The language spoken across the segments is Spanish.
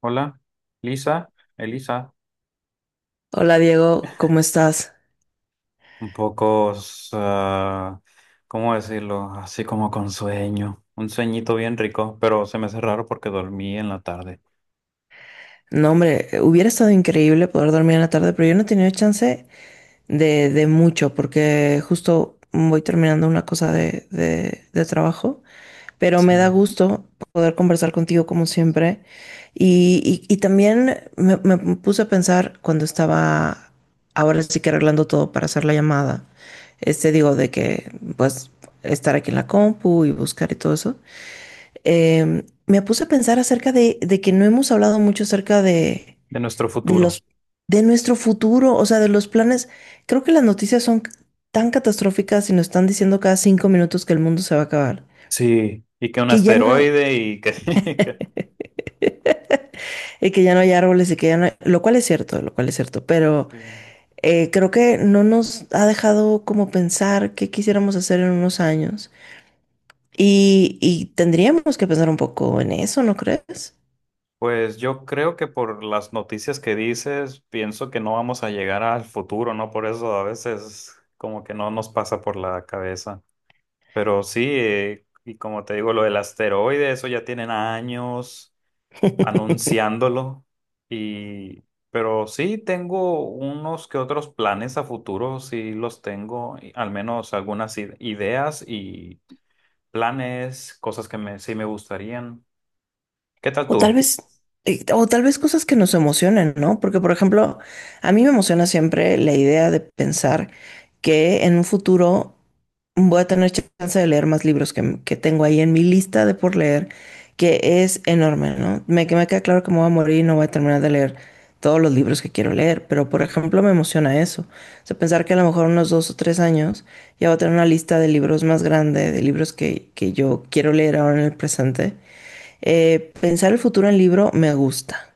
Hola, Lisa, Elisa, Hola Diego, ¿cómo estás? un poco, ah, ¿cómo decirlo? Así como con sueño, un sueñito bien rico, pero se me hace raro porque dormí en la tarde. No, hombre, hubiera estado increíble poder dormir en la tarde, pero yo no he tenido chance de mucho porque justo voy terminando una cosa de trabajo, pero me da Sí. gusto poder conversar contigo como siempre. Y, y también me puse a pensar cuando estaba ahora sí que arreglando todo para hacer la llamada, este digo de que pues estar aquí en la compu y buscar y todo eso. Me puse a pensar acerca de que no hemos hablado mucho acerca De nuestro de futuro. los, de nuestro futuro, o sea, de los planes. Creo que las noticias son tan catastróficas y nos están diciendo cada 5 minutos que el mundo se va a acabar, Sí, y que un que ya no, asteroide y que... que- que ya no hay árboles y que ya no hay- lo cual es cierto, lo cual es cierto, pero sí. Creo que no nos ha dejado como pensar qué quisiéramos hacer en unos años y tendríamos que pensar un poco en eso, ¿no crees? Pues yo creo que por las noticias que dices, pienso que no vamos a llegar al futuro, ¿no? Por eso a veces como que no nos pasa por la cabeza. Pero sí, y como te digo, lo del asteroide, eso ya tienen años anunciándolo. Y, pero sí tengo unos que otros planes a futuro, sí los tengo, y al menos algunas ideas y planes, cosas que me, sí me gustarían. ¿Qué tal O tal tú? vez, o tal vez cosas que nos emocionen, ¿no? Porque, por ejemplo, a mí me emociona siempre la idea de pensar que en un futuro voy a tener chance de leer más libros que tengo ahí en mi lista de por leer, que es enorme, ¿no? Que me queda claro que me voy a morir y no voy a terminar de leer todos los libros que quiero leer, pero, por ejemplo, me emociona eso. O sea, pensar que a lo mejor unos 2 o 3 años ya voy a tener una lista de libros más grande, de libros que yo quiero leer ahora en el presente. Pensar el futuro en libro me gusta.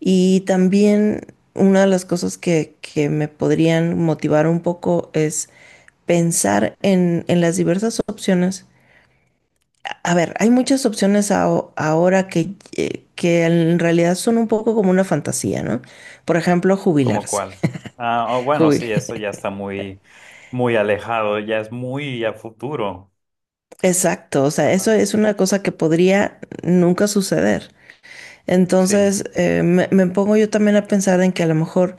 Y también una de las cosas que me podrían motivar un poco es pensar en las diversas opciones. A ver, hay muchas opciones ahora que en realidad son un poco como una fantasía, ¿no? Por ejemplo, ¿Cómo jubilarse. cuál? Ah, oh, bueno, Jubil- sí, eso ya está muy, muy alejado, ya es muy a futuro. Exacto, o sea, eso Ajá, es una cosa que podría nunca suceder. sí, Entonces, me pongo yo también a pensar en que a lo mejor,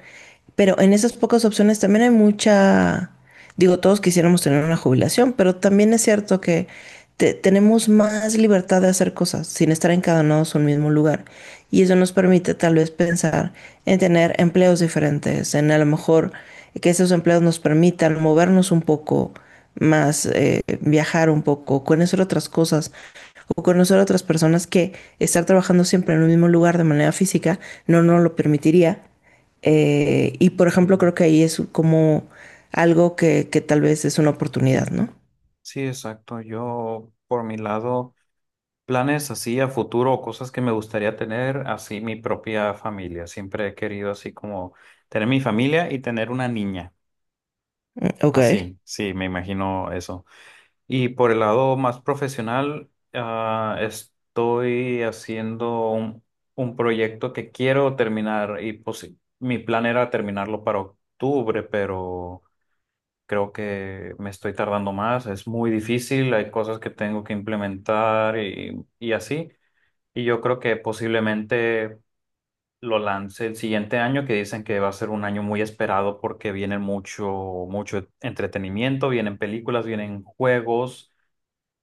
pero en esas pocas opciones también hay mucha, digo, todos quisiéramos tener una jubilación, pero también es cierto que tenemos más libertad de hacer cosas sin estar encadenados a un mismo lugar. Y eso nos permite tal vez pensar en tener empleos diferentes, en a lo mejor que esos empleos nos permitan movernos un poco más, viajar un poco, conocer otras cosas o conocer a otras personas que estar trabajando siempre en un mismo lugar de manera física no nos lo permitiría. Y por ejemplo, sí, creo que ahí es como algo que tal vez es una oportunidad, ¿no? sí, exacto. Yo, por mi lado. Planes así a futuro o cosas que me gustaría tener, así mi propia familia. Siempre he querido así como tener mi familia y tener una niña. Ok, Así, sí, me imagino eso. Y por el lado más profesional, ah, estoy haciendo un proyecto que quiero terminar y pues mi plan era terminarlo para octubre, pero creo que me estoy tardando más. Es muy difícil, hay cosas que tengo que implementar y así. Y yo creo que posiblemente lo lance el siguiente año, que dicen que va a ser un año muy esperado porque viene mucho, mucho entretenimiento, vienen películas, vienen juegos,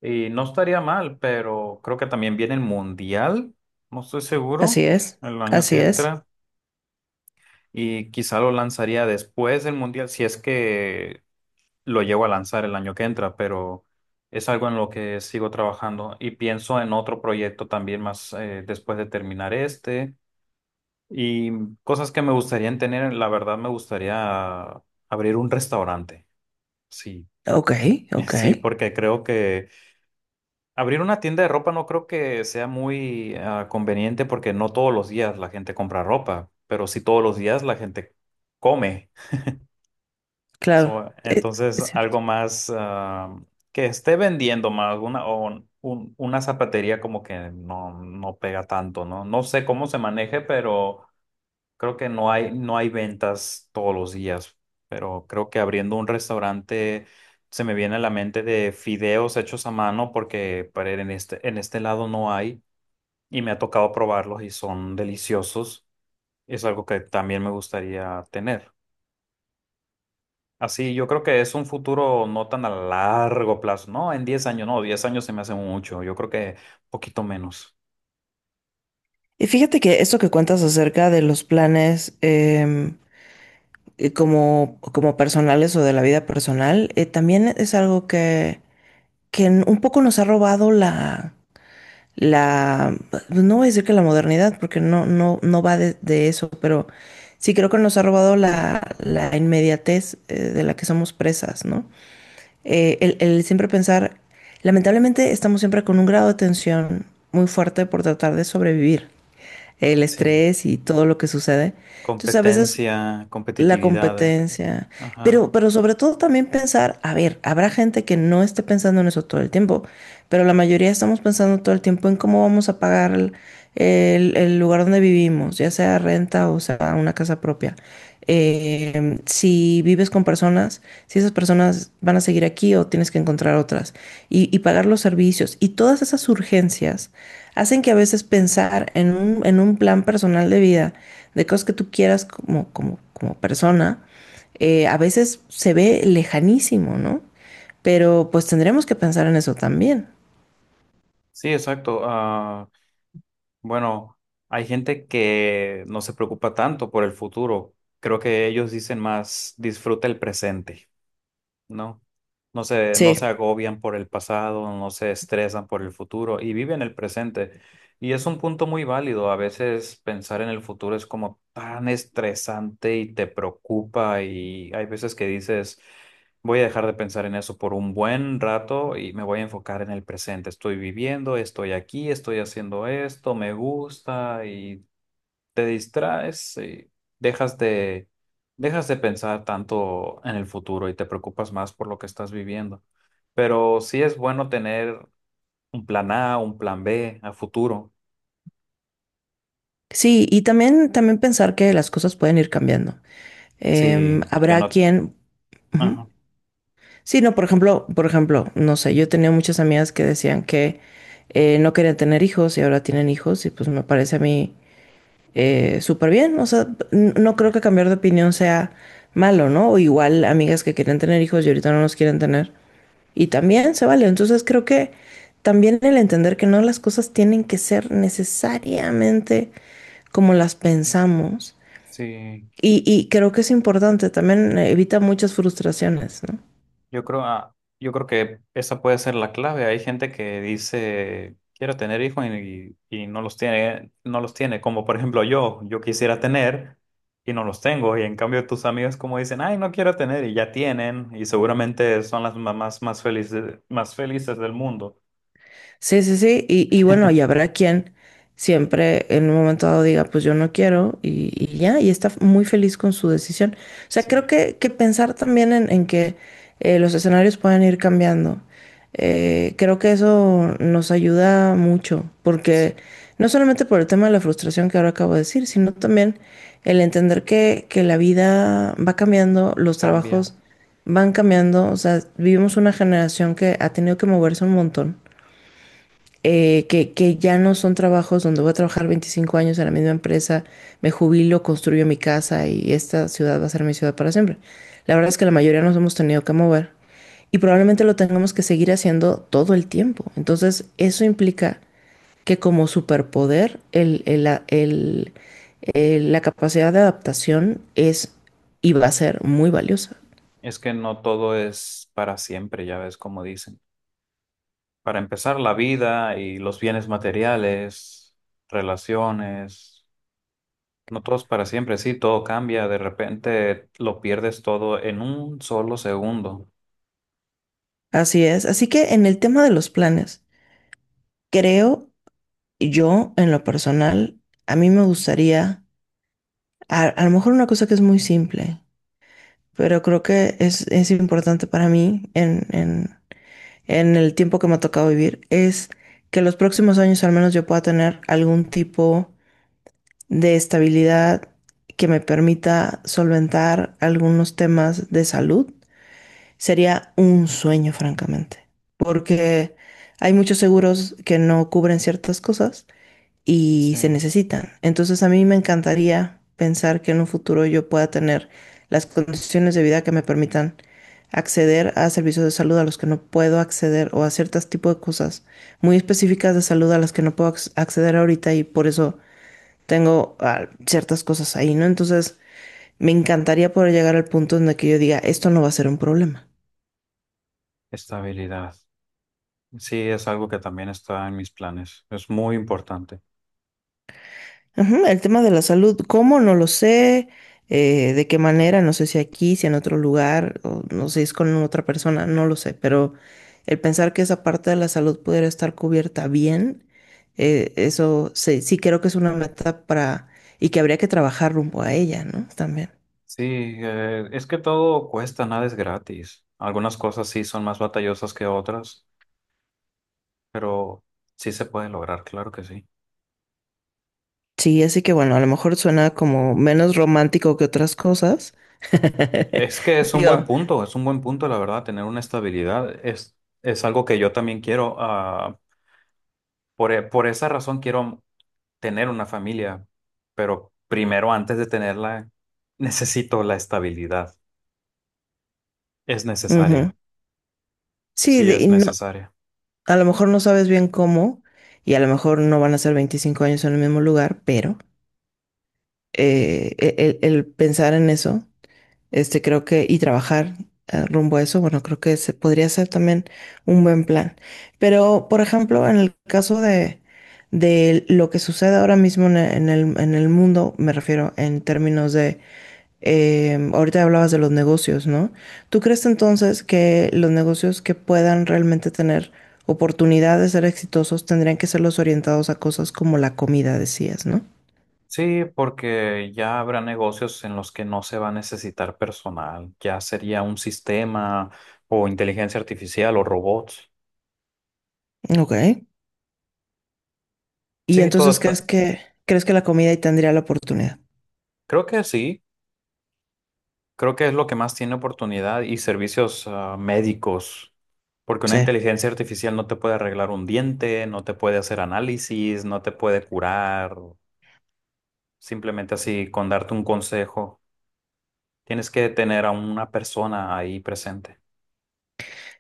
y no estaría mal, pero creo que también viene el Mundial, no estoy así seguro, es, el año que así es. entra, y quizá lo lanzaría después del Mundial, si es que lo llevo a lanzar el año que entra, pero es algo en lo que sigo trabajando y pienso en otro proyecto también más después de terminar este. Y cosas que me gustaría tener, la verdad me gustaría abrir un restaurante. Sí, Ok, ok, sí, porque creo que abrir una tienda de ropa no creo que sea muy conveniente porque no todos los días la gente compra ropa, pero sí todos los días la gente come. claro, So, entonces, es cierto. algo más que esté vendiendo más, una, o una zapatería como que no, no pega tanto, ¿no? No sé cómo se maneje, pero... Creo que no hay, no hay ventas todos los días, pero creo que abriendo un restaurante se me viene a la mente de fideos hechos a mano porque para en este lado no hay y me ha tocado probarlos y son deliciosos. Es algo que también me gustaría tener. Así, yo creo que es un futuro no tan a largo plazo, no en 10 años, no, 10 años se me hace mucho, yo creo que poquito menos. Y fíjate que esto que cuentas acerca de los planes, como, personales o de la vida personal, también es algo que un poco nos ha robado la, no voy a decir que la modernidad, porque no, no, no va de eso, pero sí creo que nos ha robado la, la inmediatez. Eh, de la que somos presas, ¿no? El siempre pensar, lamentablemente estamos siempre con un grado de tensión muy fuerte por tratar de sobrevivir, el Sí. estrés y todo lo que sucede. Entonces a veces Competencia, la competitividad, eh. competencia. Ajá. Pero sobre todo también pensar, a ver, habrá gente que no esté pensando en eso todo el tiempo, pero la mayoría estamos pensando todo el tiempo en cómo vamos a pagar el, el lugar donde vivimos, ya sea renta o sea una casa propia. Si vives con personas, si esas personas van a seguir aquí o tienes que encontrar otras. Y pagar los servicios. Y todas esas urgencias hacen que a veces pensar en un plan personal de vida de cosas que tú quieras como, como persona, a veces se ve lejanísimo, ¿no? Pero pues tendremos que pensar en eso también. Sí, exacto. Ah, bueno, hay gente que no se preocupa tanto por el futuro. Creo que ellos dicen más, disfruta el presente. No, no se Sí, agobian por el pasado, no se estresan por el futuro y viven el presente. Y es un punto muy válido. A veces pensar en el futuro es como tan estresante y te preocupa y hay veces que dices, voy a dejar de pensar en eso por un buen rato y me voy a enfocar en el presente. Estoy viviendo, estoy aquí, estoy haciendo esto, me gusta y te distraes y dejas de, dejas de pensar tanto en el futuro y te preocupas más por lo que estás viviendo. Pero sí es bueno tener un plan A, un plan B a futuro. sí, y también, también pensar que las cosas pueden ir cambiando. Sí, que Habrá no, quien... Ujú. ajá, Sí, no, por ejemplo, no sé, yo tenía muchas amigas que decían que no querían tener hijos y ahora tienen hijos y pues me parece a mí súper bien. O sea, no creo que cambiar de opinión sea malo, ¿no? O igual amigas que querían tener hijos y ahorita no los quieren tener. Y también se vale. Entonces creo que también el entender que no las cosas tienen que ser necesariamente como las pensamos. sí, Y creo que es importante, también evita muchas frustraciones, ¿no? yo creo, yo creo que esa puede ser la clave. Hay gente que dice, quiero tener hijos y no los tiene, no los tiene. Como por ejemplo yo, yo quisiera tener y no los tengo. Y en cambio tus amigos como dicen, ay, no quiero tener y ya tienen. Y seguramente son las mamás más felices del mundo. Sí, sí, sí. Y bueno, y habrá quien siempre en un momento dado diga, pues yo no quiero y ya, y está muy feliz con su decisión. O sea, creo Sí. que pensar también en que los escenarios pueden ir cambiando. Creo que eso nos ayuda mucho, Sí. porque no solamente por el tema de la frustración que ahora acabo de decir, sino también el entender que la vida va cambiando, los Cambia. trabajos van cambiando, o sea, vivimos una generación que ha tenido que moverse un montón. Que ya no son trabajos donde voy a trabajar 25 años en la misma empresa, me jubilo, construyo mi casa y esta ciudad va a ser mi ciudad para siempre. La verdad es que la mayoría nos hemos tenido que mover y probablemente lo tengamos que seguir haciendo todo el tiempo. Entonces, eso implica que como superpoder, el, la capacidad de adaptación es y va a ser muy valiosa. Es que no todo es para siempre, ya ves como dicen. Para empezar, la vida y los bienes materiales, relaciones. No todos para siempre, sí, todo cambia, de repente lo pierdes todo en un solo segundo. Así es. Así que en el tema de los planes, creo. Yo, en lo personal, a mí me gustaría, a lo mejor una cosa que es muy simple, pero creo que es importante para mí en, en el tiempo que me ha tocado vivir, es que los próximos años al menos yo pueda tener algún tipo de estabilidad que me permita solventar algunos temas de salud. Sería un sueño, francamente, porque hay muchos seguros que no cubren ciertas cosas y Sí, se necesitan. Entonces a mí me encantaría pensar que en un futuro yo pueda tener las condiciones de vida que me permitan acceder a servicios de salud a los que no puedo acceder o a ciertos tipos de cosas muy específicas de salud a las que no puedo acceder ahorita y por eso tengo ciertas cosas ahí, ¿no? Entonces me encantaría poder llegar al punto en el que yo diga, esto no va a ser un problema. estabilidad. Sí, es algo que también está en mis planes, es muy importante. Ujú, el tema de la salud, ¿cómo? No lo sé, de qué manera, no sé si aquí, si en otro lugar, o no sé si es con otra persona, no lo sé, pero el pensar que esa parte de la salud pudiera estar cubierta bien, eso sí, sí creo que es una meta para, y que habría que trabajar rumbo a ella, ¿no? También. Sí, es que todo cuesta, nada es gratis. Algunas cosas sí son más batallosas que otras, pero sí se puede lograr, claro que sí. Sí, así que bueno, a lo mejor suena como menos romántico que otras cosas. Es que es un buen Digo, punto, es un buen punto, la verdad, tener una estabilidad es algo que yo también quiero. Por, por esa razón quiero tener una familia, pero primero antes de tenerla, necesito la estabilidad. Es necesaria, ujú. Sí, sí y es no, necesaria. a lo mejor no sabes bien cómo y a lo mejor no van a ser 25 años en el mismo lugar, pero el pensar en eso, este creo que y trabajar rumbo a eso, bueno, creo que se podría ser también un buen plan. Pero, por ejemplo, en el caso de lo que sucede ahora mismo en el, en el mundo, me refiero en términos de. Ahorita hablabas de los negocios, ¿no? ¿Tú crees entonces que los negocios que puedan realmente tener oportunidad de ser exitosos tendrían que ser los orientados a cosas como la comida, decías, ¿no? Sí, porque ya habrá negocios en los que no se va a necesitar personal, ya sería un sistema o inteligencia artificial o robots. Ok. Y Sí, todo entonces está. Crees que la comida ahí tendría la oportunidad. Creo que sí, creo que es lo que más tiene oportunidad y servicios médicos, porque una Sí. inteligencia artificial no te puede arreglar un diente, no te puede hacer análisis, no te puede curar. Simplemente así, con darte un consejo, tienes que tener a una persona ahí presente.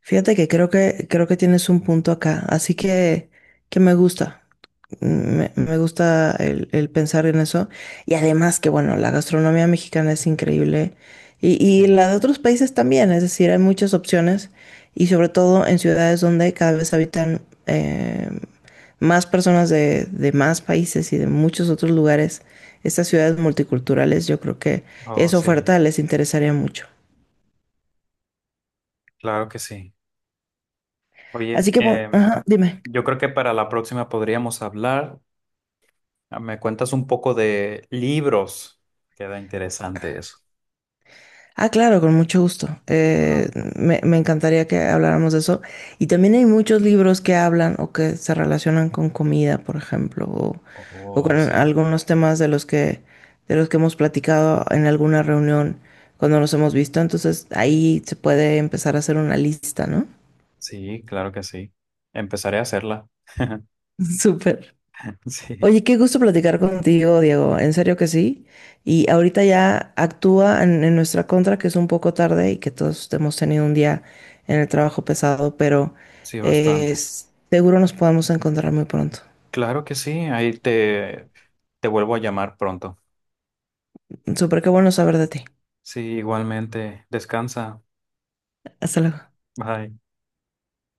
Fíjate que creo que tienes un punto acá, así que me gusta. Me gusta el pensar en eso. Y además que, bueno, la gastronomía mexicana es increíble. Y Sí, la de otros países también. Es decir, hay muchas opciones. Y sobre todo en ciudades donde cada vez habitan eh, más personas de más países y de muchos otros lugares. Estas ciudades multiculturales, yo creo que oh esa sí, oferta les interesaría mucho. claro que sí. Oye, Así que, bueno, ajá, dime. yo creo que para la próxima podríamos hablar. Ah, me cuentas un poco de libros. Queda interesante eso. Ah, claro, con mucho gusto. Eh, Ajá. me, me encantaría que habláramos de eso. Y también hay muchos libros que hablan o que se relacionan con comida, por ejemplo, o con Oh, sí. algunos temas de los que hemos platicado en alguna reunión cuando nos hemos visto. Entonces ahí se puede empezar a hacer una lista, ¿no? Sí, claro que sí. Empezaré a hacerla. Súper. Sí, Oye, qué gusto platicar contigo, Diego. En serio que sí. Y ahorita ya actúa en nuestra contra, que es un poco tarde y que todos hemos tenido un día en el trabajo pesado, pero sí, bastante. Seguro nos podemos encontrar muy pronto. Claro que sí. Ahí te, te vuelvo a llamar pronto. Súper qué bueno saber de ti. Sí, igualmente. Descansa. Hasta luego. Bye.